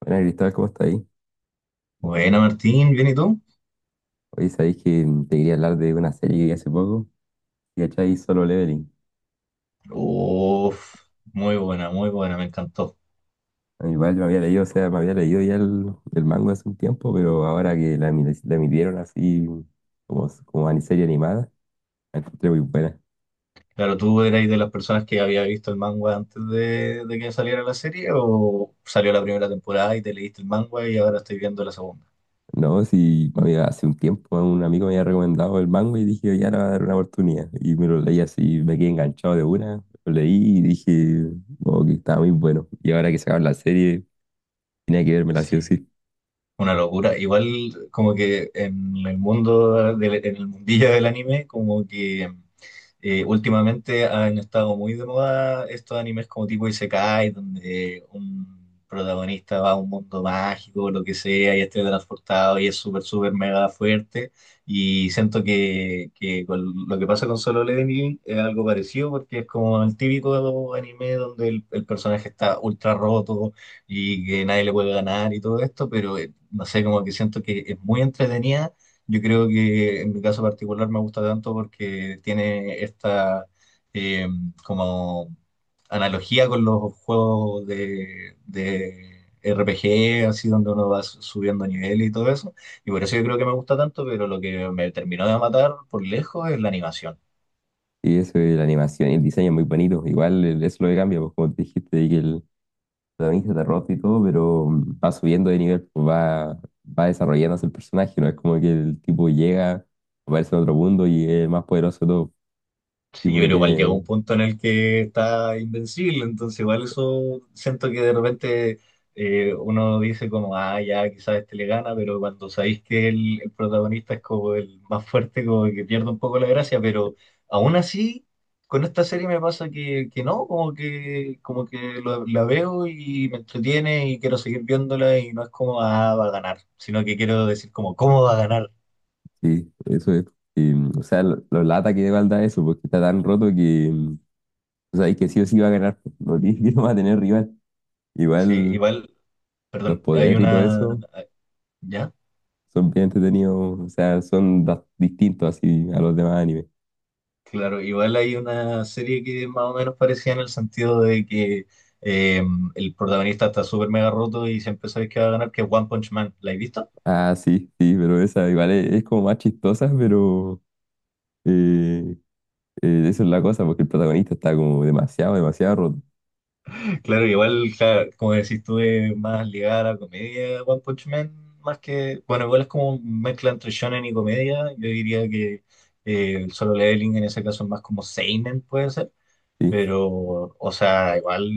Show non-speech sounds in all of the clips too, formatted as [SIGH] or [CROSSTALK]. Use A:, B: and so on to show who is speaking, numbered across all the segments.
A: Bueno, Cristóbal, ¿cómo está ahí?
B: Buena, Martín, ¿bien y tú?
A: Hoy sabéis que te quería hablar de una serie que vi hace poco, que ¿cachai? Solo Leveling.
B: Uf, muy buena, me encantó.
A: A mí igual yo me había leído, o sea, me había leído ya el manga hace un tiempo, pero ahora que la emitieron así como serie animada, la encontré muy buena.
B: Claro, ¿tú erais de las personas que había visto el manga antes de que saliera la serie o salió la primera temporada y te leíste el manga y ahora estoy viendo la segunda?
A: No, sí, hace un tiempo un amigo me había recomendado el manga y dije, ya le voy a dar una oportunidad. Y me lo leí así, me quedé enganchado de una, lo leí y dije, oh, que estaba muy bueno. Y ahora que sacaron la serie, tenía que vérmela sí o
B: Sí.
A: sí.
B: Una locura. Igual como que en el mundo, en el mundillo del anime, como que últimamente han estado muy de moda estos animes como tipo Isekai, donde un protagonista va a un mundo mágico, lo que sea, y es transportado y es súper, súper mega fuerte. Y siento que con lo que pasa con Solo Leveling es algo parecido, porque es como el típico anime donde el personaje está ultra roto y que nadie le puede ganar y todo esto, pero no sé, como que siento que es muy entretenida. Yo creo que en mi caso particular me gusta tanto porque tiene esta eh, como analogía con los juegos de RPG, así donde uno va subiendo nivel y todo eso. Y por eso yo creo que me gusta tanto, pero lo que me terminó de matar por lejos es la animación.
A: Y eso es la animación y el diseño es muy bonito. Igual eso es lo que cambia, pues como te dijiste, de que el protagonista está roto y todo, pero va subiendo de nivel, pues va desarrollándose el personaje, ¿no? Es como que el tipo llega, aparece en otro mundo y es el más poderoso de todo.
B: Sí,
A: Tipo
B: yo
A: que
B: creo igual llega
A: tiene,
B: un punto en el que está invencible, entonces igual eso siento que de repente uno dice como, ah, ya quizás este le gana, pero cuando sabéis que el protagonista es como el más fuerte, como que pierde un poco la gracia, pero aún así, con esta serie me pasa que no, como que la veo y me entretiene y quiero seguir viéndola y no es como, ah, va a ganar, sino que quiero decir como, ¿cómo va a ganar?
A: sí, eso es. Y, o sea, lo lata que igual da eso, porque está tan roto que, o sea, que sí o sí va a ganar, pues, no tiene [LAUGHS] que no va a tener rival.
B: Sí,
A: Igual
B: igual,
A: los
B: perdón, hay
A: poderes y todo
B: una...
A: eso
B: ¿Ya?
A: son bien entretenidos, o sea, son distintos así a los demás animes.
B: Claro, igual hay una serie que es más o menos parecía en el sentido de que eh, el protagonista está súper mega roto y siempre sabes que va a ganar, que es One Punch Man. ¿La has visto?
A: Ah, sí, sí, pero esa igual es como más chistosa, pero eh, eso es la cosa, porque el protagonista está como demasiado, demasiado roto.
B: Claro, igual, claro, como decís tú, es más ligada a la comedia One Punch Man, más que, bueno, igual es como mezcla entre shonen y comedia. Yo diría que el Solo Leveling en ese caso es más como seinen, puede ser.
A: Sí.
B: Pero, o sea, igual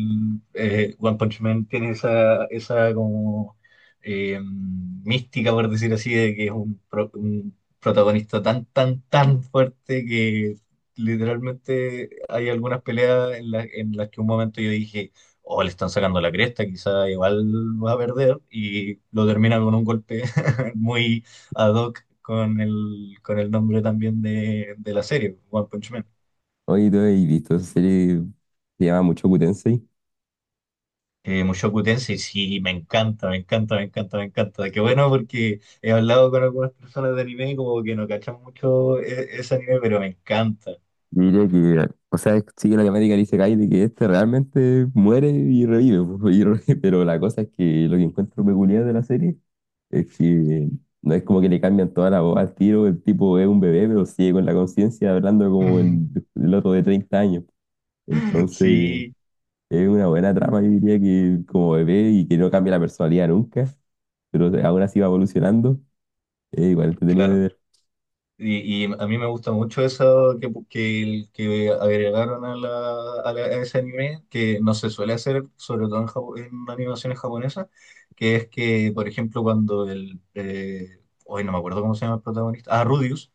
B: One Punch Man tiene esa, esa como mística, por decir así, de que es un, un protagonista tan, tan, tan fuerte que literalmente hay algunas peleas en, en las que un momento yo dije, oh, le están sacando la cresta, quizá igual va a perder, y lo termina con un golpe [LAUGHS] muy ad hoc con el nombre también de la serie, One Punch Man.
A: Oye, ¿tú has visto esa serie que se llama mucho Tensei?
B: Mushoku Tensei, sí, me encanta, me encanta, me encanta, me encanta. Qué bueno porque he hablado con algunas personas de anime y como que no cachan mucho ese anime, pero me encanta.
A: Diría que, o sea, sigue la temática del Isekai de que este realmente muere y revive, [LAUGHS] pues, [LAUGHS] pero la cosa es que lo que encuentro peculiar de la serie es que no es como que le cambian toda la voz al tiro, el tipo es un bebé, pero sigue con la conciencia hablando como
B: [LAUGHS]
A: el otro de 30 años. Entonces...
B: Sí,
A: Es una buena trama, yo diría que como bebé y que no cambia la personalidad nunca, pero aún así va evolucionando, es igual entretenido de
B: claro.
A: ver.
B: Y a mí me gusta mucho eso que, que agregaron a, la, a, a ese anime, que no se suele hacer, sobre todo en, en animaciones japonesas, que es que, por ejemplo, cuando el... hoy no me acuerdo cómo se llama el protagonista. Ah, Rudius.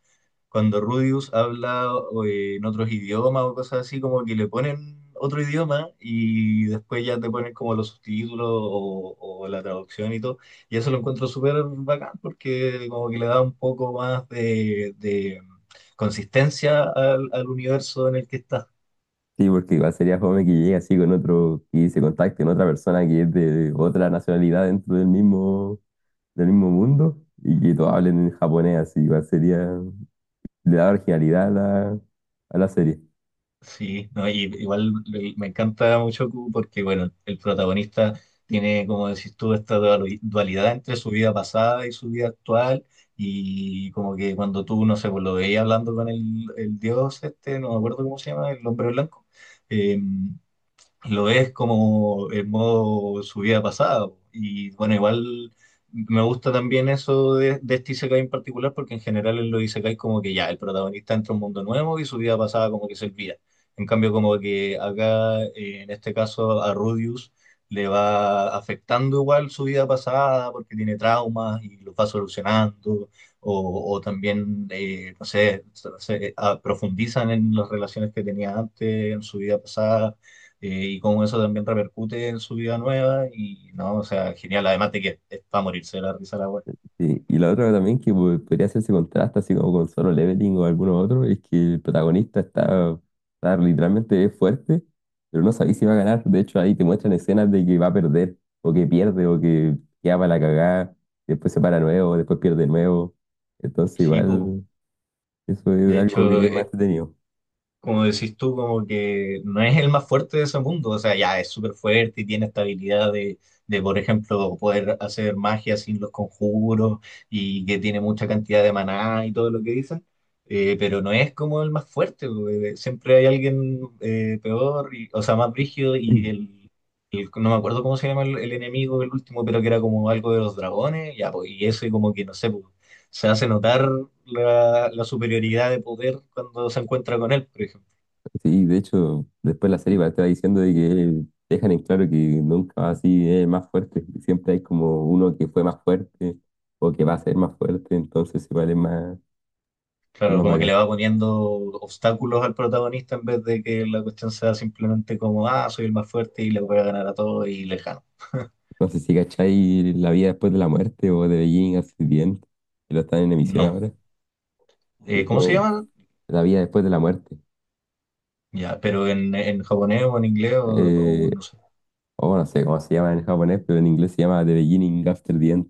B: Cuando Rudius habla o, en otros idiomas o cosas así, como que le ponen otro idioma y después ya te ponen como los subtítulos o la traducción y todo. Y eso lo encuentro súper bacán porque como que le da un poco más de consistencia al, al universo en el que está.
A: Sí, porque igual sería joven que llegue así con otro, que se contacte con otra persona que es de otra nacionalidad dentro del mismo mundo y que todos hablen en japonés, así igual sería, le da originalidad a la, a la serie.
B: Sí, no, y igual me encanta mucho Q porque, bueno, el protagonista tiene, como decís tú, esta dualidad entre su vida pasada y su vida actual. Y como que cuando tú, no sé, pues lo veías hablando con el dios este, no me acuerdo cómo se llama, el hombre blanco. em, lo ves como en modo su vida pasada. Y bueno, igual me gusta también eso de este Isekai en particular, porque en general en los Isekai como que ya el protagonista entra a un mundo nuevo y su vida pasada como que se olvida. En cambio, como que acá, en este caso, a Rudius le va afectando igual su vida pasada porque tiene traumas y los va solucionando, o también, no sé, profundizan en las relaciones que tenía antes, en su vida pasada. Y cómo eso también repercute en su vida nueva. Y no, o sea, genial. Además de que es para morirse de la risa la web.
A: Sí, y, la otra también que podría hacerse contraste así como con Solo Leveling o alguno otro es que el protagonista está, está literalmente fuerte, pero no sabéis si va a ganar. De hecho, ahí te muestran escenas de que va a perder, o que pierde, o que queda para la cagada, después se para nuevo, después pierde nuevo. Entonces,
B: Sí, pues.
A: igual, eso es
B: De
A: algo
B: hecho,
A: que es más entretenido.
B: como decís tú, como que no es el más fuerte de ese mundo. O sea, ya es súper fuerte y tiene esta habilidad de, por ejemplo, poder hacer magia sin los conjuros y que tiene mucha cantidad de maná y todo lo que dicen. Pero no es como el más fuerte, porque siempre hay alguien peor, o sea, más brígido y el, No me acuerdo cómo se llama el enemigo, el último, pero que era como algo de los dragones. Ya, pues, y eso y como que, no sé, pues, se hace notar la, la superioridad de poder cuando se encuentra con él, por ejemplo.
A: Sí, de hecho, después la serie va te estar diciendo de que dejan en claro que nunca va así más fuerte. Siempre hay como uno que fue más fuerte o que va a ser más fuerte, entonces igual es
B: Claro,
A: más
B: como que le
A: bacán.
B: va poniendo obstáculos al protagonista en vez de que la cuestión sea simplemente como, ah, soy el más fuerte y le voy a ganar a todos y lejano.
A: No sé si cachai La vida después de la muerte o de Beijing hace bien, que lo están en emisión
B: No.
A: ahora. Y es
B: ¿Cómo se
A: como
B: llama?
A: La vida después de la muerte.
B: Ya, pero en japonés o en inglés
A: Eh,
B: o no sé.
A: o no sé cómo se llama en japonés, pero en inglés se llama The Beginning After the End.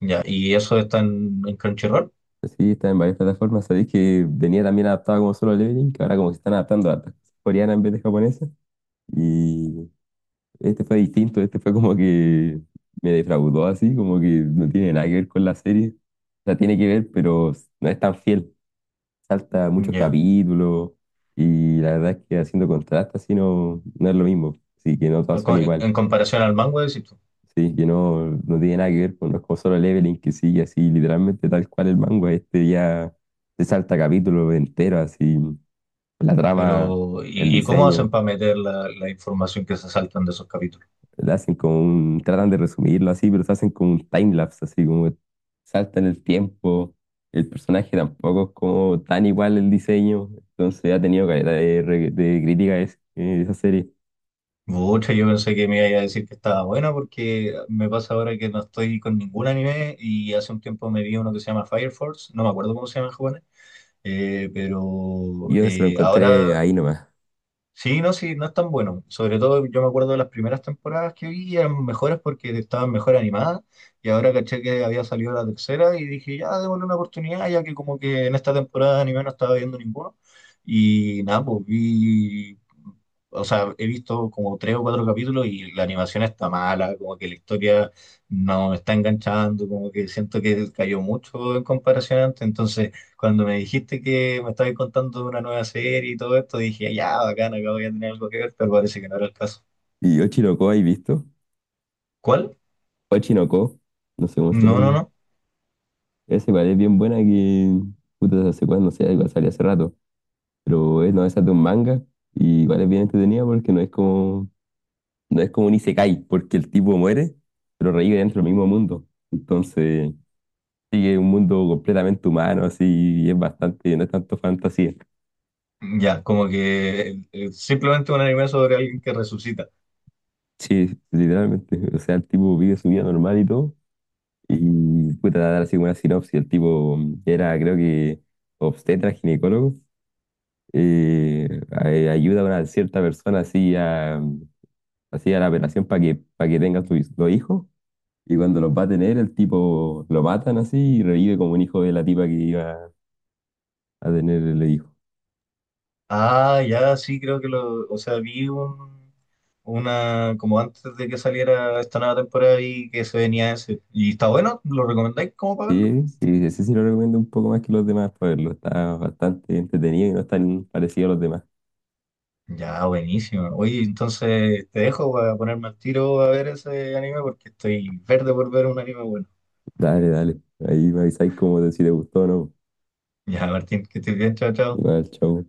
B: Ya, y eso está en Crunchyroll.
A: Sí, está en varias plataformas. Sabéis que venía también adaptado como Solo Leveling, que ahora como que se están adaptando a coreana en vez de japonesa. Y este fue distinto, este fue como que me defraudó así, como que no tiene nada que ver con la serie. O sea, tiene que ver, pero no es tan fiel. Salta muchos
B: Ya.
A: capítulos y la verdad es que haciendo contraste así no, no es lo mismo. Así que no todas
B: Pero
A: son iguales.
B: en comparación al manga, decís tú.
A: Sí, que no, no tiene nada que ver con los como Solo Leveling que sigue así, literalmente tal cual el manga. Este ya se salta capítulo entero, así, la trama,
B: Pero,
A: el
B: y cómo hacen
A: diseño,
B: para meter la, la información que se saltan de esos capítulos?
A: le hacen como un, tratan de resumirlo así, pero se hacen como un timelapse, así como saltan el tiempo. El personaje tampoco es como tan igual el diseño, entonces ha tenido caleta de, de crítica esa serie.
B: Mucha, yo pensé que me iba a decir que estaba buena porque me pasa ahora que no estoy con ningún anime y hace un tiempo me vi uno que se llama Fire Force, no me acuerdo cómo se llama en japonés, pero
A: Y yo se lo
B: ahora.
A: encontré ahí nomás.
B: Sí, no, sí, no es tan bueno. Sobre todo yo me acuerdo de las primeras temporadas que vi, eran mejores porque estaban mejor animadas y ahora caché que había salido la tercera y dije, ya, démosle una oportunidad, ya que como que en esta temporada de anime no estaba viendo ninguno. Y nada, pues vi, o sea, he visto como tres o cuatro capítulos y la animación está mala, como que la historia no me está enganchando, como que siento que cayó mucho en comparación antes, entonces... Cuando me dijiste que me estabas contando de una nueva serie y todo esto, dije, ya, bacán, acá voy a tener algo que ver, pero parece que no era el caso.
A: ¿Y Ochino Ko, has visto?
B: ¿Cuál?
A: Ochino Ko, no sé cómo se
B: No, no,
A: llama.
B: no.
A: Esa igual es bien buena que, puta, no sé cuándo, sea sé, igual salió hace rato, pero es, no, esa es de un manga y igual es bien entretenida porque no es como, no es como un isekai, porque el tipo muere, pero revive dentro del mismo mundo. Entonces, sigue un mundo completamente humano, así, y es bastante, no es tanto fantasía.
B: Ya, como que simplemente un anime sobre alguien que resucita.
A: Sí, literalmente, o sea, el tipo vive su vida normal y todo, y puta, dar así como una sinopsis, el tipo era, creo que, obstetra, ginecólogo ayuda a una cierta persona así así a la operación para que tenga sus 2 hijos. Y cuando los va a tener, el tipo lo matan así y revive como un hijo de la tipa que iba a tener el hijo.
B: Ah, ya, sí, creo que lo, o sea, vi un, una, como antes de que saliera esta nueva temporada y que se venía ese. ¿Y está bueno? ¿Lo recomendáis como para verlo?
A: Sí, sí, ese sí lo recomiendo un poco más que los demás para verlo. Está bastante entretenido y no es tan parecido a los demás.
B: Ya, buenísimo. Oye, entonces te dejo para ponerme al tiro a ver ese anime porque estoy verde por ver un anime bueno.
A: Dale, dale. Ahí me avisáis como de si te gustó o no.
B: Ya, Martín, que estés bien, chao, chao.
A: Igual, chau.